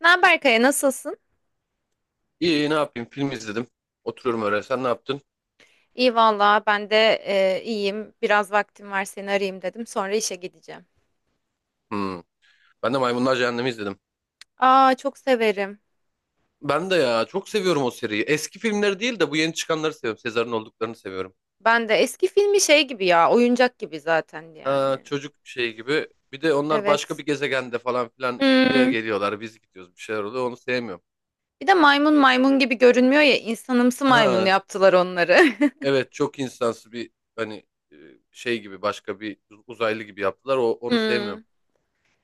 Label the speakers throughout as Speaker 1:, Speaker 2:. Speaker 1: Ne haber Kaya, nasılsın?
Speaker 2: İyi ne yapayım film izledim. Oturuyorum öyle. Sen ne yaptın?
Speaker 1: İyi valla ben de iyiyim. Biraz vaktim var seni arayayım dedim. Sonra işe gideceğim.
Speaker 2: Hmm. Ben de Maymunlar Cehennemi izledim.
Speaker 1: Aa çok severim.
Speaker 2: Ben de ya çok seviyorum o seriyi. Eski filmleri değil de bu yeni çıkanları seviyorum. Sezar'ın olduklarını seviyorum.
Speaker 1: Ben de eski filmi şey gibi ya oyuncak gibi zaten
Speaker 2: Ha,
Speaker 1: yani.
Speaker 2: çocuk şey gibi. Bir de onlar başka
Speaker 1: Evet.
Speaker 2: bir gezegende falan filan buraya
Speaker 1: Hmm.
Speaker 2: geliyorlar. Biz gidiyoruz bir şeyler oluyor. Onu sevmiyorum.
Speaker 1: Bir de maymun maymun gibi görünmüyor ya insanımsı maymun
Speaker 2: Ha,
Speaker 1: yaptılar onları.
Speaker 2: evet çok insansı bir hani e, şey gibi başka bir uzaylı gibi yaptılar. Onu sevmiyorum.
Speaker 1: Hmm,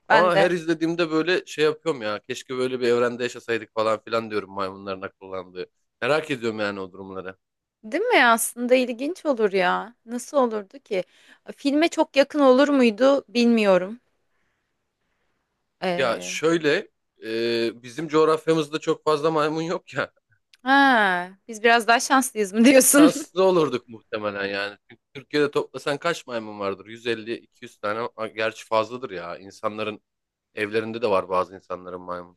Speaker 1: ben
Speaker 2: Ama her
Speaker 1: de.
Speaker 2: izlediğimde böyle şey yapıyorum ya. Keşke böyle bir evrende yaşasaydık falan filan diyorum maymunların akıllandığı. Merak ediyorum yani o durumları.
Speaker 1: Değil mi? Aslında ilginç olur ya. Nasıl olurdu ki? Filme çok yakın olur muydu bilmiyorum.
Speaker 2: Ya
Speaker 1: Ee,
Speaker 2: şöyle bizim coğrafyamızda çok fazla maymun yok ya.
Speaker 1: ha, biz biraz daha şanslıyız mı diyorsun?
Speaker 2: Şanslı olurduk muhtemelen yani. Çünkü Türkiye'de toplasan kaç maymun vardır? 150-200 tane. A, gerçi fazladır ya. İnsanların evlerinde de var bazı insanların maymun.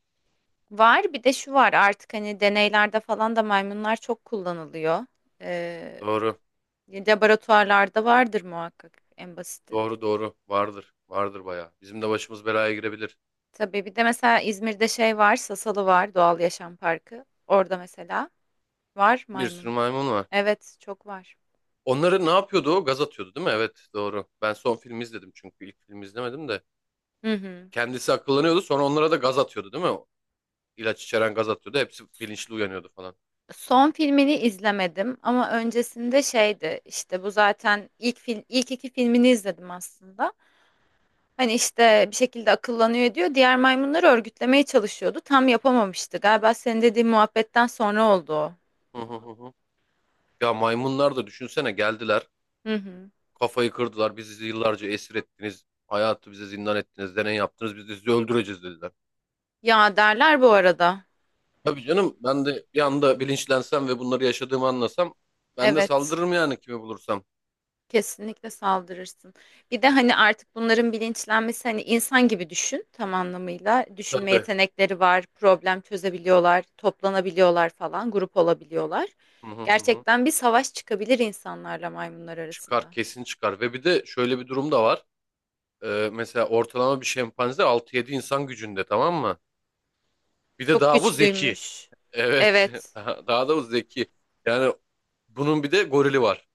Speaker 1: Var bir de şu var artık hani deneylerde falan da maymunlar çok kullanılıyor. Ee,
Speaker 2: Doğru.
Speaker 1: laboratuvarlarda vardır muhakkak en basiti.
Speaker 2: Doğru doğru. Vardır. Vardır bayağı. Bizim de başımız belaya girebilir.
Speaker 1: Tabii bir de mesela İzmir'de şey var Sasalı var Doğal Yaşam Parkı. Orada mesela var
Speaker 2: Bir sürü
Speaker 1: maymun.
Speaker 2: maymun var.
Speaker 1: Evet çok var.
Speaker 2: Onları ne yapıyordu o? Gaz atıyordu değil mi? Evet doğru. Ben son filmi izledim çünkü ilk filmi izlemedim de.
Speaker 1: Hı hı.
Speaker 2: Kendisi akıllanıyordu sonra onlara da gaz atıyordu değil mi? O İlaç içeren gaz atıyordu. Hepsi bilinçli uyanıyordu falan.
Speaker 1: Son filmini izlemedim ama öncesinde şeydi işte bu zaten ilk film ilk iki filmini izledim aslında. Hani işte bir şekilde akıllanıyor ediyor. Diğer maymunları örgütlemeye çalışıyordu. Tam yapamamıştı. Galiba senin dediğin muhabbetten sonra oldu o.
Speaker 2: Hı hı hı. Hı. Ya maymunlar da düşünsene geldiler.
Speaker 1: Hı hı.
Speaker 2: Kafayı kırdılar. Bizi yıllarca esir ettiniz. Hayatı bize zindan ettiniz. Deney yaptınız. Biz de sizi öldüreceğiz dediler.
Speaker 1: Ya derler bu arada.
Speaker 2: Tabii canım ben de bir anda bilinçlensem ve bunları yaşadığımı anlasam ben de
Speaker 1: Evet.
Speaker 2: saldırırım yani kimi bulursam.
Speaker 1: Kesinlikle saldırırsın. Bir de hani artık bunların bilinçlenmesi hani insan gibi düşün tam anlamıyla. Düşünme
Speaker 2: Tabii.
Speaker 1: yetenekleri var, problem çözebiliyorlar, toplanabiliyorlar falan, grup olabiliyorlar.
Speaker 2: Hı hı hı. Hı.
Speaker 1: Gerçekten bir savaş çıkabilir insanlarla maymunlar
Speaker 2: Çıkar
Speaker 1: arasında.
Speaker 2: kesin çıkar. Ve bir de şöyle bir durum da var. Mesela ortalama bir şempanze 6-7 insan gücünde, tamam mı? Bir de
Speaker 1: Çok
Speaker 2: daha bu zeki.
Speaker 1: güçlüymüş.
Speaker 2: Evet.
Speaker 1: Evet.
Speaker 2: Daha da bu zeki. Yani bunun bir de gorili var.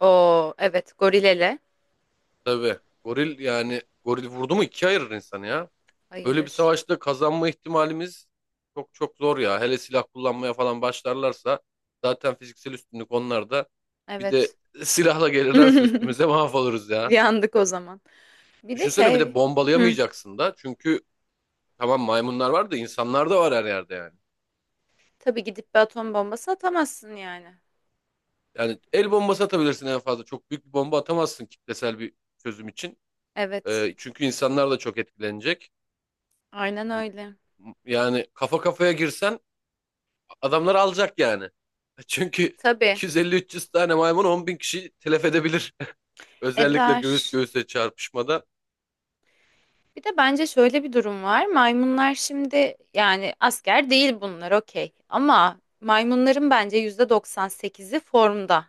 Speaker 1: Oo evet gorilele
Speaker 2: Tabii. Goril yani goril vurdu mu ikiye ayırır insanı ya. Böyle bir
Speaker 1: ayırır.
Speaker 2: savaşta kazanma ihtimalimiz çok çok zor ya. Hele silah kullanmaya falan başlarlarsa zaten fiziksel üstünlük onlarda. Bir de
Speaker 1: Evet.
Speaker 2: silahla gelirlerse üstümüze mahvoluruz ya.
Speaker 1: Yandık o zaman. Bir de
Speaker 2: Düşünsene bir de
Speaker 1: hı,
Speaker 2: bombalayamayacaksın da. Çünkü tamam maymunlar var da insanlar da var her yerde yani.
Speaker 1: tabii gidip bir atom bombası atamazsın yani.
Speaker 2: Yani el bombası atabilirsin en fazla. Çok büyük bir bomba atamazsın kitlesel bir çözüm için.
Speaker 1: Evet.
Speaker 2: Çünkü insanlar da çok etkilenecek.
Speaker 1: Aynen öyle.
Speaker 2: Yani kafa kafaya girsen adamlar alacak yani. Çünkü
Speaker 1: Tabii.
Speaker 2: 250-300 tane maymun 10 bin kişiyi telef edebilir. Özellikle göğüs
Speaker 1: Eder.
Speaker 2: göğüse çarpışmada.
Speaker 1: Bir de bence şöyle bir durum var. Maymunlar şimdi yani asker değil bunlar okey. Ama maymunların bence %98'i formda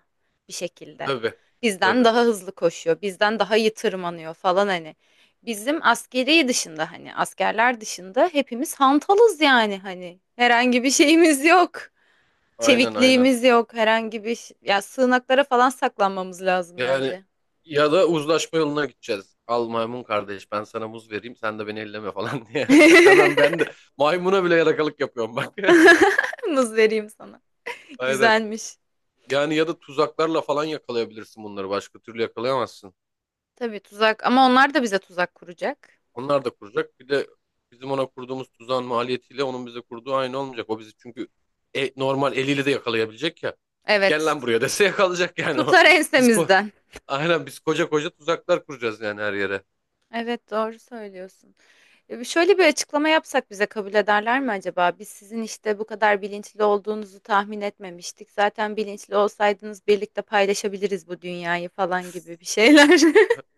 Speaker 1: bir şekilde.
Speaker 2: Tabii.
Speaker 1: Bizden
Speaker 2: Tabii.
Speaker 1: daha hızlı koşuyor, bizden daha iyi tırmanıyor falan hani. Bizim askeri dışında hani askerler dışında hepimiz hantalız yani hani. Herhangi bir şeyimiz yok.
Speaker 2: Aynen aynen.
Speaker 1: Çevikliğimiz yok. Herhangi bir ş- ya sığınaklara falan saklanmamız lazım
Speaker 2: Yani
Speaker 1: bence.
Speaker 2: ya da uzlaşma yoluna gideceğiz. Al maymun kardeş ben sana muz vereyim sen de beni elleme falan diye. Hemen ben de maymuna bile yalakalık yapıyorum bak.
Speaker 1: Muz vereyim sana.
Speaker 2: Aynen.
Speaker 1: Güzelmiş.
Speaker 2: Yani ya da tuzaklarla falan yakalayabilirsin bunları. Başka türlü yakalayamazsın.
Speaker 1: Tabii tuzak ama onlar da bize tuzak kuracak.
Speaker 2: Onlar da kuracak. Bir de bizim ona kurduğumuz tuzağın maliyetiyle onun bize kurduğu aynı olmayacak. O bizi çünkü normal eliyle de yakalayabilecek ya. Gel
Speaker 1: Evet.
Speaker 2: lan buraya dese yakalayacak yani o.
Speaker 1: Tutar
Speaker 2: Biz ko
Speaker 1: ensemizden.
Speaker 2: Aynen biz koca koca tuzaklar kuracağız yani her yere.
Speaker 1: Evet doğru söylüyorsun. Şöyle bir açıklama yapsak bize kabul ederler mi acaba? Biz sizin işte bu kadar bilinçli olduğunuzu tahmin etmemiştik. Zaten bilinçli olsaydınız birlikte paylaşabiliriz bu dünyayı falan gibi bir şeyler.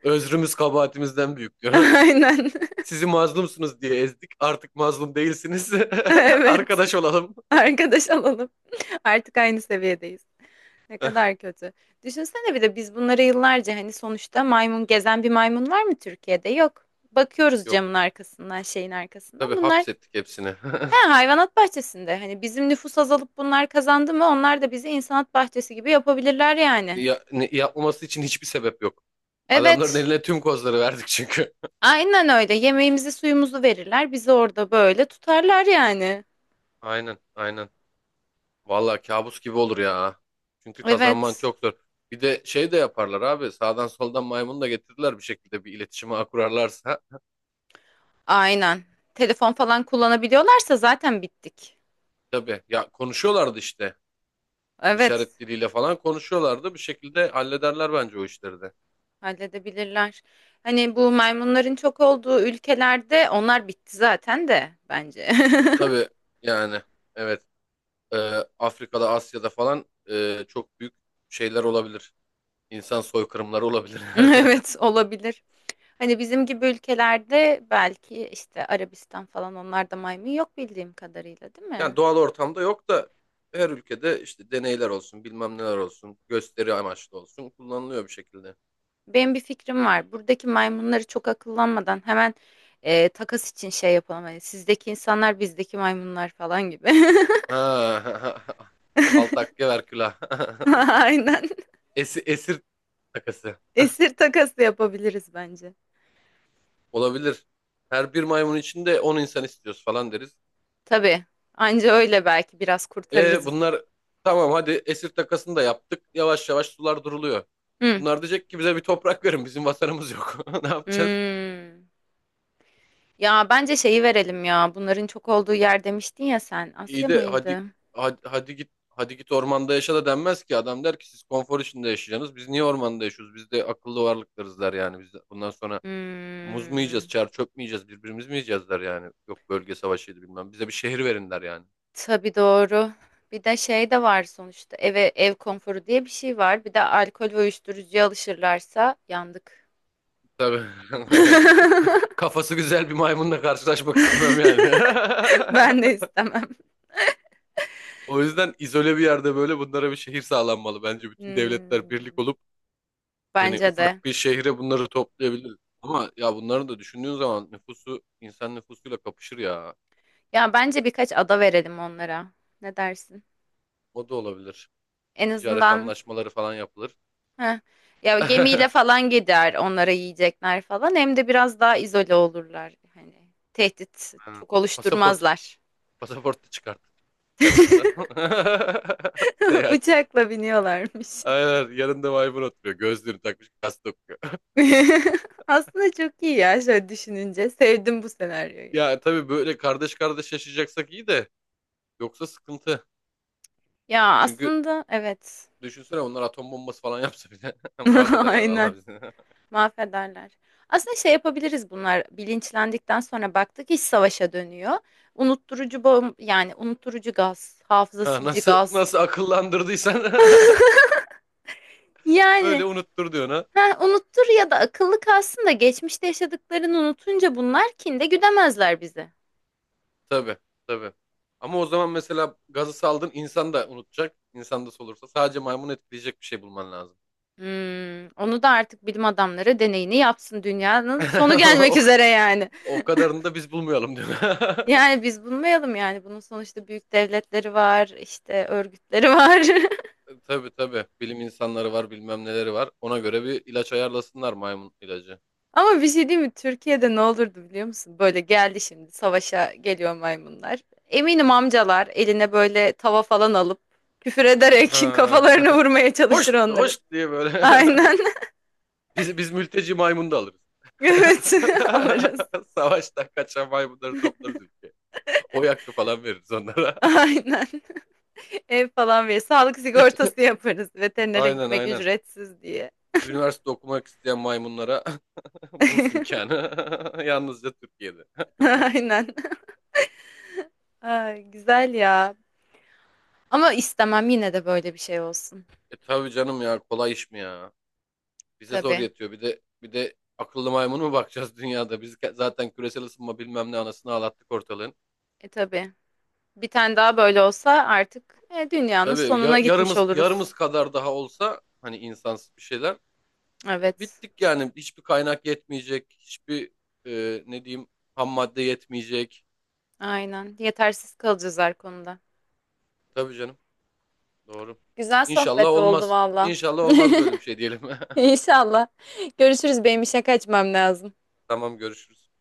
Speaker 2: Özrümüz kabahatimizden büyük diyor.
Speaker 1: Aynen.
Speaker 2: Sizi mazlumsunuz diye ezdik. Artık mazlum değilsiniz.
Speaker 1: Evet.
Speaker 2: Arkadaş olalım.
Speaker 1: Arkadaş alalım. Artık aynı seviyedeyiz. Ne kadar kötü. Düşünsene bir de biz bunları yıllarca hani sonuçta maymun gezen bir maymun var mı Türkiye'de? Yok. Bakıyoruz
Speaker 2: Yok.
Speaker 1: camın arkasından, şeyin arkasından.
Speaker 2: Tabii
Speaker 1: Bunlar
Speaker 2: hapsettik hepsini.
Speaker 1: ha hayvanat bahçesinde. Hani bizim nüfus azalıp bunlar kazandı mı? Onlar da bizi insanat bahçesi gibi yapabilirler yani.
Speaker 2: Ya, yapmaması için hiçbir sebep yok. Adamların
Speaker 1: Evet.
Speaker 2: eline tüm kozları verdik çünkü.
Speaker 1: Aynen öyle. Yemeğimizi, suyumuzu verirler. Bizi orada böyle tutarlar yani.
Speaker 2: Aynen, aynen. Vallahi kabus gibi olur ya. Çünkü kazanman
Speaker 1: Evet.
Speaker 2: çok zor. Bir de şey de yaparlar abi. Sağdan soldan maymunu da getirdiler bir şekilde bir iletişime ağı kurarlarsa.
Speaker 1: Aynen. Telefon falan kullanabiliyorlarsa zaten bittik.
Speaker 2: Tabii ya konuşuyorlardı işte.
Speaker 1: Evet.
Speaker 2: İşaret diliyle falan konuşuyorlardı. Bir şekilde hallederler bence o işleri de.
Speaker 1: Halledebilirler. Hani bu maymunların çok olduğu ülkelerde onlar bitti zaten de bence.
Speaker 2: Tabii yani evet. Ee, Afrika'da, Asya'da falan çok büyük şeyler olabilir. İnsan soykırımları olabilir.
Speaker 1: Evet olabilir. Hani bizim gibi ülkelerde belki işte Arabistan falan onlarda maymun yok bildiğim kadarıyla değil
Speaker 2: Yani
Speaker 1: mi?
Speaker 2: doğal ortamda yok da her ülkede işte deneyler olsun, bilmem neler olsun, gösteri amaçlı olsun kullanılıyor bir şekilde.
Speaker 1: Benim bir fikrim var. Buradaki maymunları çok akıllanmadan hemen takas için şey yapalım. Hani sizdeki insanlar bizdeki maymunlar falan gibi.
Speaker 2: Ha, altakya verkülah.
Speaker 1: Aynen.
Speaker 2: Esir, esir takası.
Speaker 1: Esir takası yapabiliriz bence.
Speaker 2: Olabilir. Her bir maymun içinde 10 insan istiyoruz falan deriz.
Speaker 1: Tabii. Anca öyle belki biraz
Speaker 2: E
Speaker 1: kurtarırız.
Speaker 2: bunlar tamam hadi esir takasını da yaptık. Yavaş yavaş sular duruluyor.
Speaker 1: Hı.
Speaker 2: Bunlar diyecek ki bize bir toprak verin. Bizim vatanımız yok. Ne yapacağız?
Speaker 1: Hmm. Ya bence şeyi verelim ya. Bunların çok olduğu yer demiştin ya sen. Asya
Speaker 2: İyi de hadi,
Speaker 1: mıydı?
Speaker 2: hadi hadi git hadi git ormanda yaşa da denmez ki. Adam der ki siz konfor içinde yaşayacaksınız. Biz niye ormanda yaşıyoruz? Biz de akıllı varlıklarız der yani. Biz de bundan sonra muz mu yiyeceğiz,
Speaker 1: Hmm.
Speaker 2: çer çöp mü yiyeceğiz, birbirimiz mi yiyeceğiz der yani. Yok bölge savaşıydı bilmem. Bize bir şehir verin der yani.
Speaker 1: Tabii doğru. Bir de şey de var sonuçta. Eve ev konforu diye bir şey var. Bir de alkol ve uyuşturucuya alışırlarsa yandık.
Speaker 2: Tabii. Kafası güzel bir maymunla karşılaşmak istemem yani.
Speaker 1: Ben de istemem.
Speaker 2: O yüzden izole bir yerde böyle bunlara bir şehir sağlanmalı. Bence bütün devletler birlik
Speaker 1: Hmm.
Speaker 2: olup hani
Speaker 1: Bence de.
Speaker 2: ufak bir şehre bunları toplayabiliriz. Ama ya bunları da düşündüğün zaman nüfusu insan nüfusuyla kapışır ya.
Speaker 1: Ya bence birkaç ada verelim onlara. Ne dersin?
Speaker 2: O da olabilir.
Speaker 1: En
Speaker 2: Ticaret
Speaker 1: azından
Speaker 2: anlaşmaları falan yapılır.
Speaker 1: Heh. Ya gemiyle falan gider onlara yiyecekler falan. Hem de biraz daha izole olurlar. Hani tehdit
Speaker 2: Aynen.
Speaker 1: çok
Speaker 2: Pasaport.
Speaker 1: oluşturmazlar.
Speaker 2: Pasaport da çıkartır, çıkartırlar. Seyahat için.
Speaker 1: Uçakla biniyorlarmış.
Speaker 2: Aynen. Yanında maymun oturuyor. Gözlüğünü takmış. Gazete okuyor.
Speaker 1: Aslında çok iyi ya şöyle düşününce. Sevdim bu senaryoyu.
Speaker 2: Ya tabii böyle kardeş kardeş yaşayacaksak iyi de. Yoksa sıkıntı.
Speaker 1: Ya
Speaker 2: Çünkü
Speaker 1: aslında evet.
Speaker 2: düşünsene onlar atom bombası falan yapsa bile. Mahvederler vallahi
Speaker 1: Aynen.
Speaker 2: bizi.
Speaker 1: Mahvederler. Aslında şey yapabiliriz bunlar. Bilinçlendikten sonra baktık iş savaşa dönüyor. Unutturucu yani unutturucu gaz, hafıza
Speaker 2: Ha,
Speaker 1: silici
Speaker 2: nasıl
Speaker 1: gaz.
Speaker 2: nasıl akıllandırdıysan.
Speaker 1: Yani
Speaker 2: Öyle unutturdu ona.
Speaker 1: Ha, unuttur ya da akıllı kalsın da geçmişte yaşadıklarını unutunca bunlar kinde güdemezler bizi.
Speaker 2: Tabii, tabii. Ama o zaman mesela gazı saldın insan da unutacak. İnsan da solursa. Sadece maymun etkileyecek bir şey bulman lazım.
Speaker 1: Hmm, onu da artık bilim adamları deneyini yapsın dünyanın sonu gelmek
Speaker 2: O,
Speaker 1: üzere yani.
Speaker 2: o kadarını da biz bulmayalım diyor.
Speaker 1: Yani biz bulmayalım yani bunun sonuçta büyük devletleri var işte örgütleri var.
Speaker 2: Tabii tabii. Bilim insanları var bilmem neleri var. Ona göre bir ilaç ayarlasınlar maymun ilacı.
Speaker 1: Ama bir şey değil mi Türkiye'de ne olurdu biliyor musun? Böyle geldi şimdi savaşa geliyor maymunlar. Eminim amcalar eline böyle tava falan alıp küfür ederek
Speaker 2: Ha.
Speaker 1: kafalarını vurmaya çalışır
Speaker 2: Hoş,
Speaker 1: onların.
Speaker 2: hoş diye böyle.
Speaker 1: Aynen.
Speaker 2: Biz mülteci maymunu da alırız.
Speaker 1: Evet alırız.
Speaker 2: Savaştan kaçan maymunları toplarız ülkeye. Oy hakkı falan veririz onlara.
Speaker 1: Aynen. Ev falan verir. Sağlık sigortası yaparız. Veterinere
Speaker 2: Aynen
Speaker 1: gitmek
Speaker 2: aynen.
Speaker 1: ücretsiz diye.
Speaker 2: Üniversite okumak isteyen maymunlara burs imkanı. Yalnızca Türkiye'de.
Speaker 1: Aynen. Ay, güzel ya. Ama istemem yine de böyle bir şey olsun.
Speaker 2: E tabii canım ya kolay iş mi ya? Bize zor
Speaker 1: Tabii.
Speaker 2: yetiyor. Bir de akıllı maymun mu bakacağız dünyada? Biz zaten küresel ısınma bilmem ne anasını ağlattık ortalığın.
Speaker 1: E tabii. Bir tane daha böyle olsa artık dünyanın
Speaker 2: Tabii
Speaker 1: sonuna gitmiş
Speaker 2: yarımız
Speaker 1: oluruz.
Speaker 2: yarımız kadar daha olsa hani insansız bir şeyler
Speaker 1: Evet.
Speaker 2: bittik yani. Hiçbir kaynak yetmeyecek. Hiçbir ne diyeyim ham madde yetmeyecek.
Speaker 1: Aynen. Yetersiz kalacağız her konuda.
Speaker 2: Tabii canım. Doğru.
Speaker 1: Güzel
Speaker 2: İnşallah
Speaker 1: sohbet oldu
Speaker 2: olmaz.
Speaker 1: valla.
Speaker 2: İnşallah olmaz böyle bir şey diyelim.
Speaker 1: İnşallah. Görüşürüz. Benim işe kaçmam lazım.
Speaker 2: Tamam görüşürüz.